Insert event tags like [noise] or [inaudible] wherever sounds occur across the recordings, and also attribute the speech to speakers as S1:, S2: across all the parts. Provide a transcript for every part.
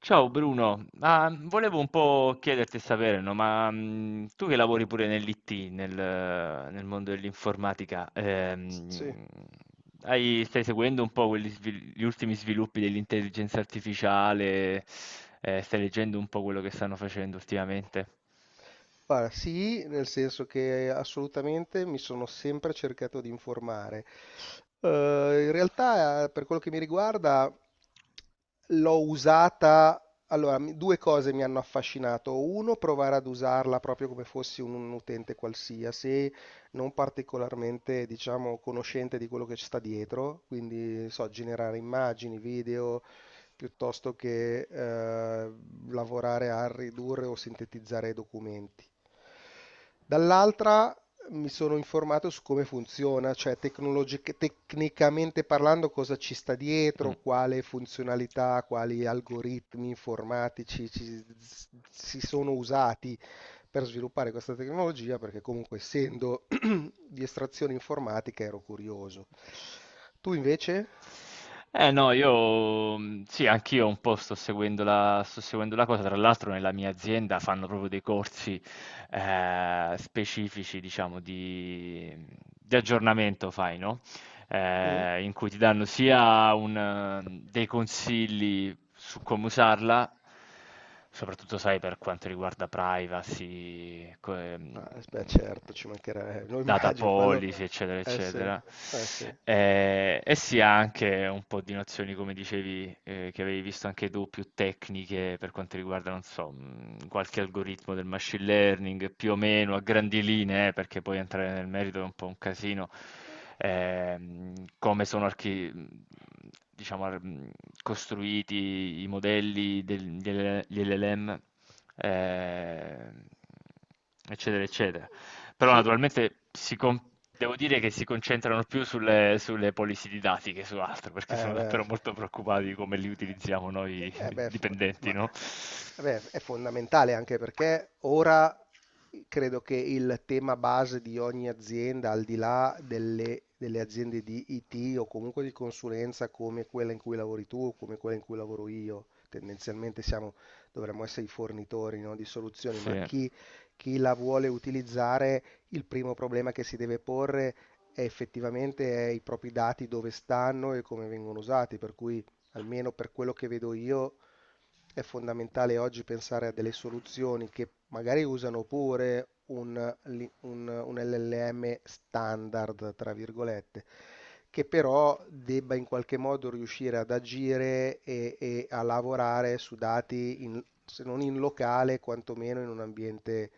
S1: Ciao Bruno. Volevo un po' chiederti e sapere, no, ma tu che lavori pure nell'IT, nel mondo dell'informatica,
S2: Sì,
S1: stai seguendo un po' gli ultimi sviluppi dell'intelligenza artificiale. Stai leggendo un po' quello che stanno facendo ultimamente?
S2: guarda, sì, nel senso che assolutamente mi sono sempre cercato di informare. Eh, In realtà, per quello che mi riguarda, l'ho usata. Allora, due cose mi hanno affascinato. Uno, provare ad usarla proprio come fossi un utente qualsiasi, non particolarmente, diciamo, conoscente di quello che ci sta dietro, quindi, so, generare immagini, video, piuttosto che lavorare a ridurre o sintetizzare i documenti. Dall'altra mi sono informato su come funziona, cioè tecnicamente parlando cosa ci sta
S1: Mm.
S2: dietro, quale funzionalità, quali algoritmi informatici si sono usati per sviluppare questa tecnologia, perché comunque essendo [clears throat] [coughs] di estrazione informatica ero curioso. Tu invece?
S1: No, io sì, anch'io un po' sto seguendo la cosa. Tra l'altro nella mia azienda fanno proprio dei corsi, specifici diciamo di di aggiornamento fai, no,
S2: Mm?
S1: in cui ti danno sia un dei consigli su come usarla, soprattutto sai per quanto riguarda privacy,
S2: Ah, beh, certo, ci mancherebbe, lo
S1: data
S2: immagino, quello
S1: policy, eccetera,
S2: eh sì,
S1: eccetera.
S2: eh sì.
S1: E si ha anche un po' di nozioni, come dicevi, che avevi visto anche tu, più tecniche per quanto riguarda, non so, qualche algoritmo del machine learning, più o meno a grandi linee, perché poi entrare nel merito è un po' un casino, come sono archi mhmm, diciamo ar mhmm, costruiti i modelli del delle degli LLM, ehm, eccetera, eccetera. Però
S2: Sì,
S1: naturalmente si con Devo dire che si concentrano più sulle policy didattiche, su altro, perché
S2: eh
S1: sono
S2: beh,
S1: davvero molto preoccupati di come li utilizziamo noi
S2: eh
S1: [laughs]
S2: beh,
S1: dipendenti, no?
S2: vabbè, è fondamentale anche perché ora credo che il tema base di ogni azienda, al di là delle aziende di IT o comunque di consulenza come quella in cui lavori tu o come quella in cui lavoro io, tendenzialmente siamo, dovremmo essere i fornitori, no, di soluzioni, ma
S1: Sì.
S2: chi la vuole utilizzare, il primo problema che si deve porre è effettivamente è i propri dati dove stanno e come vengono usati, per cui almeno per quello che vedo io, è fondamentale oggi pensare a delle soluzioni che magari usano pure un LLM standard, tra virgolette, che però debba in qualche modo riuscire ad agire e a lavorare su dati, se non in locale, quantomeno in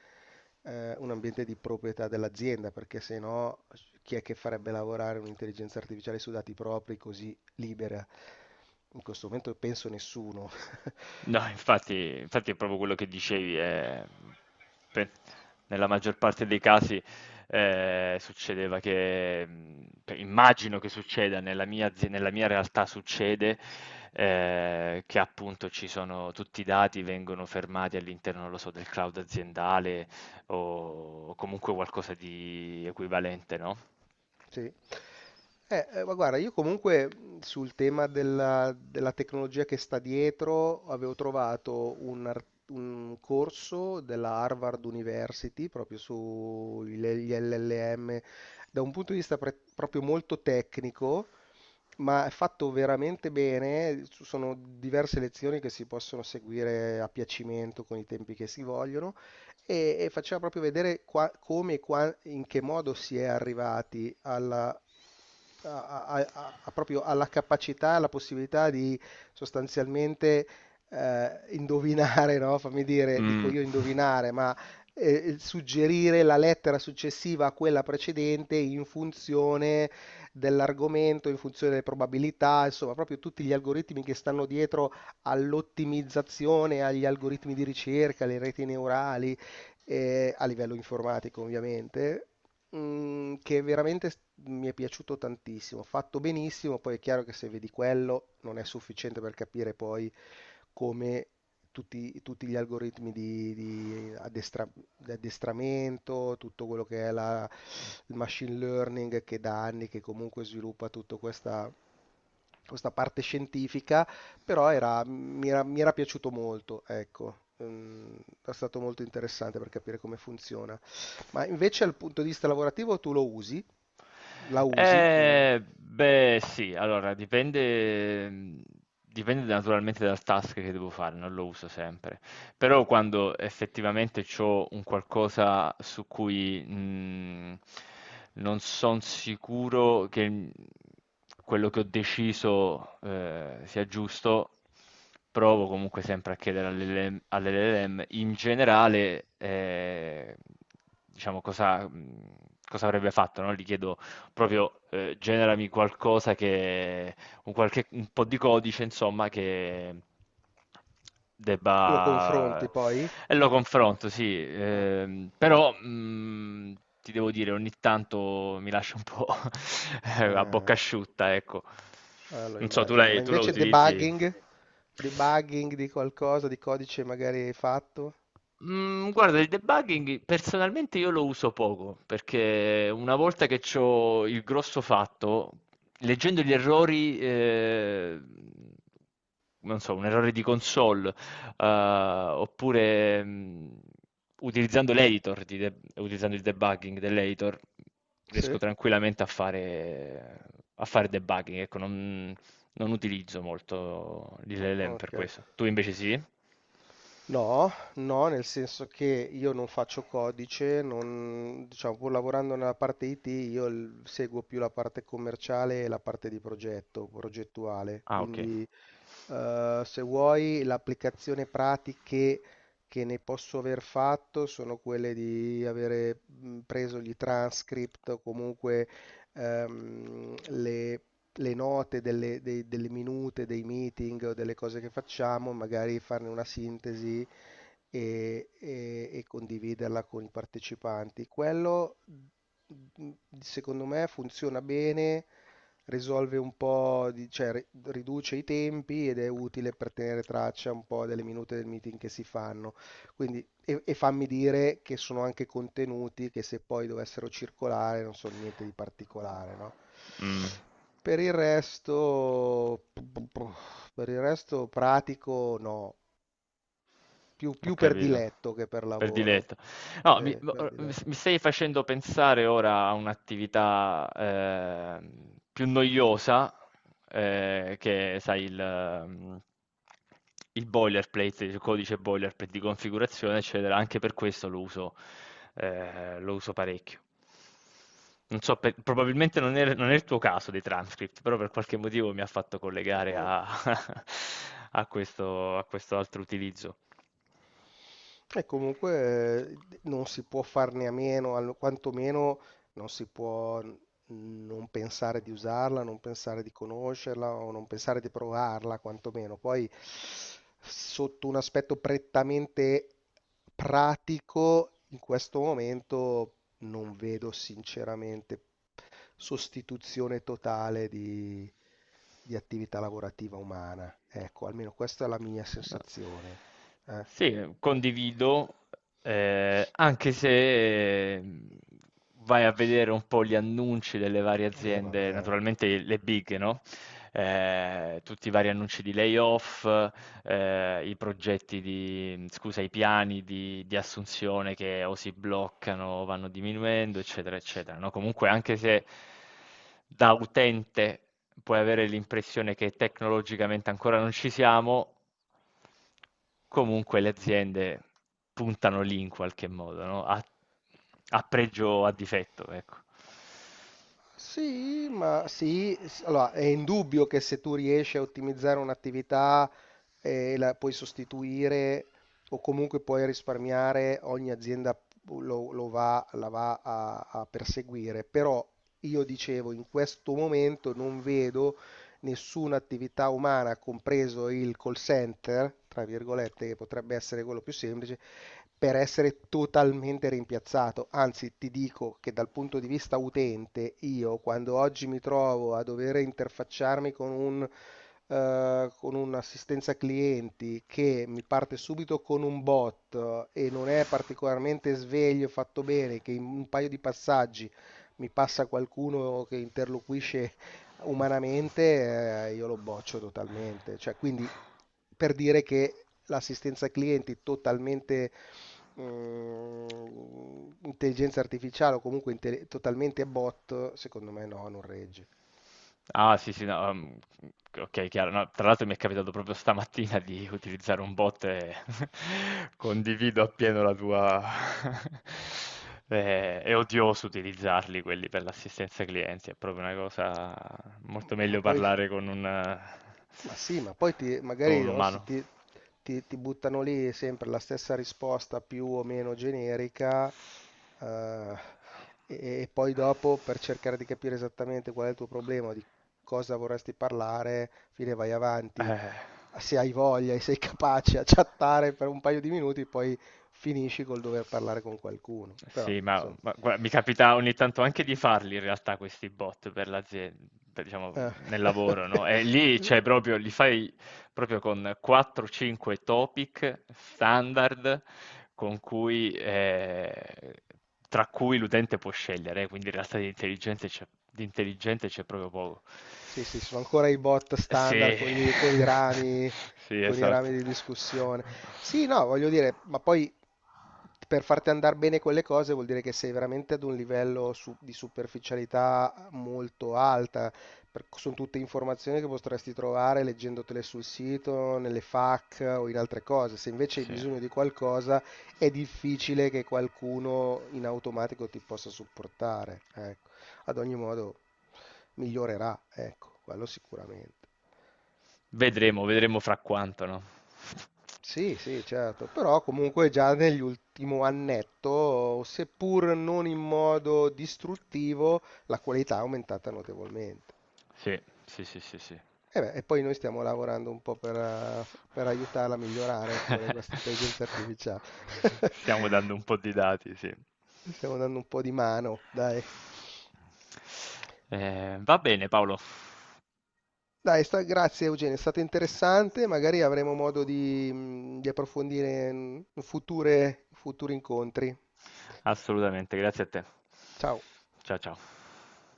S2: un ambiente di proprietà dell'azienda, perché se no chi è che farebbe lavorare un'intelligenza artificiale su dati propri così libera? In questo momento penso nessuno. [laughs]
S1: No, infatti, infatti è proprio quello che dicevi, pe- nella maggior parte dei casi succedeva che, immagino che succeda, nella mia realtà succede, che appunto ci sono tutti i dati vengono fermati all'interno, non lo so, del cloud aziendale o comunque qualcosa di equivalente, no?
S2: Sì. Ma guarda, io comunque sul tema della tecnologia che sta dietro avevo trovato un corso della Harvard University proprio sugli LLM da un punto di vista proprio molto tecnico, ma è fatto veramente bene. Ci sono diverse lezioni che si possono seguire a piacimento con i tempi che si vogliono e faceva proprio vedere come e in che modo si è arrivati alla, a- a- a- a- proprio alla capacità, alla possibilità di sostanzialmente indovinare, no? Fammi dire, dico
S1: Mm.
S2: io
S1: [laughs]
S2: indovinare, ma suggerire la lettera successiva a quella precedente in funzione dell'argomento in funzione delle probabilità, insomma, proprio tutti gli algoritmi che stanno dietro all'ottimizzazione, agli algoritmi di ricerca, alle reti neurali, a livello informatico ovviamente, mm, che veramente mi è piaciuto tantissimo, fatto benissimo. Poi è chiaro che se vedi quello non è sufficiente per capire poi come tutti gli algoritmi di addestramento, tutto quello che è il machine learning che da anni che comunque sviluppa tutta questa, questa parte scientifica, però era- mi era, mi era piaciuto molto, ecco. Mm, è stato molto interessante per capire come funziona. Ma invece dal punto di vista lavorativo tu lo usi? La usi? Lo
S1: Beh, sì, allora dipende, dipende naturalmente dal task che devo fare, non lo uso sempre, però quando effettivamente ho un qualcosa su cui non sono sicuro che quello che ho deciso sia giusto, provo comunque sempre a chiedere all'LLM in generale, diciamo, cosa avrebbe fatto, no? Gli chiedo proprio generami qualcosa che, un po' di codice, insomma, che
S2: lo
S1: debba...
S2: confronti poi?
S1: E lo confronto, sì,
S2: Ah,
S1: però ti devo dire, ogni tanto mi lascia un po' [laughs] a
S2: eh.
S1: bocca asciutta, ecco.
S2: Lo
S1: Non so, tu,
S2: immagino. Ma
S1: tu lo
S2: invece
S1: utilizzi?
S2: debugging? Debugging di qualcosa, di codice magari hai fatto?
S1: Mm, guarda, il debugging personalmente io lo uso poco perché una volta che ho il grosso fatto, leggendo gli errori, non so, un errore di console, eh, oppure mm, utilizzando l'editor, di de- utilizzando il debugging dell'editor, riesco
S2: Sì?
S1: tranquillamente a fare debugging. Ecco, non utilizzo molto l'LLM per
S2: Ok.
S1: questo. Tu invece sì?
S2: No, no, nel senso che io non faccio codice, non, diciamo, pur lavorando nella parte IT, io seguo più la parte commerciale e la parte di progetto, progettuale.
S1: Ah, okay.
S2: Quindi eh, se vuoi, l'applicazione pratiche che ne posso aver fatto sono quelle di avere preso gli transcript o comunque ehm, le, le note delle minute, dei meeting o delle cose che facciamo, magari farne una sintesi e condividerla con i partecipanti. Quello, secondo me, funziona bene, risolve un po', cioè riduce i tempi ed è utile per tenere traccia un po' delle minute del meeting che si fanno. Quindi, e fammi dire che sono anche contenuti che se poi dovessero circolare non sono niente di particolare, no?
S1: Mh.
S2: Per il resto, per il resto pratico no, più,
S1: Ho
S2: più per
S1: capito,
S2: diletto che per
S1: per
S2: lavoro.
S1: diletto. No,
S2: Sì,
S1: mi,
S2: per diletto.
S1: mi stai facendo pensare ora a un'attività più noiosa, che sai, il boilerplate, il codice boilerplate di configurazione, eccetera. Anche per questo lo uso parecchio. Non so, probabilmente non è il tuo caso dei transcript, però per qualche motivo mi ha fatto collegare
S2: Mm.
S1: a, [laughs] a questo altro utilizzo.
S2: E comunque non si può farne a meno, quantomeno non si può n- non pensare di usarla, non pensare di conoscerla o non pensare di provarla, quantomeno. Poi sotto un aspetto prettamente pratico, in questo momento non vedo sinceramente sostituzione totale di attività lavorativa umana. Ecco, almeno questa è la mia
S1: No.
S2: sensazione. Eh,
S1: Sì, condivido, anche se vai a vedere un po' gli annunci delle varie
S2: eh
S1: aziende,
S2: vabbè.
S1: naturalmente le big, no? Tutti i vari annunci di layoff, i progetti di scusa, i piani di assunzione che o si bloccano o vanno diminuendo, eccetera, eccetera, no, comunque anche se da utente puoi avere l'impressione che tecnologicamente ancora non ci siamo, comunque le aziende puntano lì in qualche modo, no, a pregio o a difetto, ecco.
S2: Sì, ma sì, allora è indubbio che se tu riesci a ottimizzare un'attività e la puoi sostituire o comunque puoi risparmiare, ogni azienda la va a, a perseguire. Però io dicevo, in questo momento non vedo nessuna attività umana, compreso il call center, tra virgolette, che potrebbe essere quello più semplice, per essere totalmente rimpiazzato. Anzi, ti dico che dal punto di vista utente, io quando oggi mi trovo a dover interfacciarmi con un con un'assistenza clienti che mi parte subito con un bot e non è particolarmente sveglio, fatto bene, che in un paio di passaggi mi passa qualcuno che interloquisce umanamente, io lo boccio totalmente. Cioè, quindi per dire che l'assistenza ai clienti totalmente mm, intelligenza artificiale o comunque totalmente bot, secondo me no, non regge.
S1: Ah sì, sì, no, okay, chiaro. No, tra l'altro mi è capitato proprio stamattina di utilizzare un bot e [laughs] condivido appieno la tua [laughs] è odioso utilizzarli quelli per l'assistenza clienti, è proprio una cosa, molto
S2: Ma
S1: meglio
S2: poi
S1: parlare
S2: ma sì, ma poi ti-
S1: con
S2: magari
S1: un
S2: no,
S1: umano.
S2: si ti, ti- ti buttano lì sempre la stessa risposta più o meno generica, eh, e poi dopo per cercare di capire esattamente qual è il tuo problema, di cosa vorresti parlare, fine vai avanti.
S1: Eh.
S2: Se hai voglia e sei capace a chattare per un paio di minuti, poi finisci col dover parlare con qualcuno. Però,
S1: Sì,
S2: insomma,
S1: ma gua mi capita ogni tanto anche di farli in realtà questi bot per diciamo
S2: eh.
S1: nel lavoro, no,
S2: [laughs]
S1: e lì cioè proprio li fai proprio con 4-5 topic standard con cui, tra cui l'utente può scegliere, quindi in realtà di intelligente c'è proprio poco.
S2: Sì, sì, sono ancora i bot standard
S1: Sì,
S2: con
S1: [laughs] sì,
S2: con i
S1: esatto.
S2: rami di discussione. Sì, no, voglio dire, ma poi per farti andare bene quelle cose vuol dire che sei veramente ad un livello di superficialità molto alta. Per- sono tutte informazioni che potresti trovare leggendotele sul sito, nelle FAQ o in altre cose. Se invece hai
S1: Sì.
S2: bisogno di qualcosa, è difficile che qualcuno in automatico ti possa supportare. Ecco. Ad ogni modo migliorerà, ecco, quello sicuramente.
S1: Vedremo, vedremo fra quanto, no?
S2: Sì, sì, certo, però comunque già nell'ultimo annetto, seppur non in modo distruttivo, la qualità è aumentata notevolmente.
S1: Sì, sì, sì, sì, sì.
S2: E, beh, e poi noi stiamo lavorando un po' per aiutarla a migliorare pure questa intelligenza
S1: [laughs]
S2: artificiale.
S1: Stiamo
S2: [laughs]
S1: dando un po' di dati, sì.
S2: Stiamo dando un po' di mano, dai.
S1: Va bene, Paolo.
S2: Dai, sta- grazie Eugenio, è stato interessante, magari avremo modo di approfondire in futuri incontri.
S1: Assolutamente, grazie a te.
S2: Ciao.
S1: Ciao, ciao.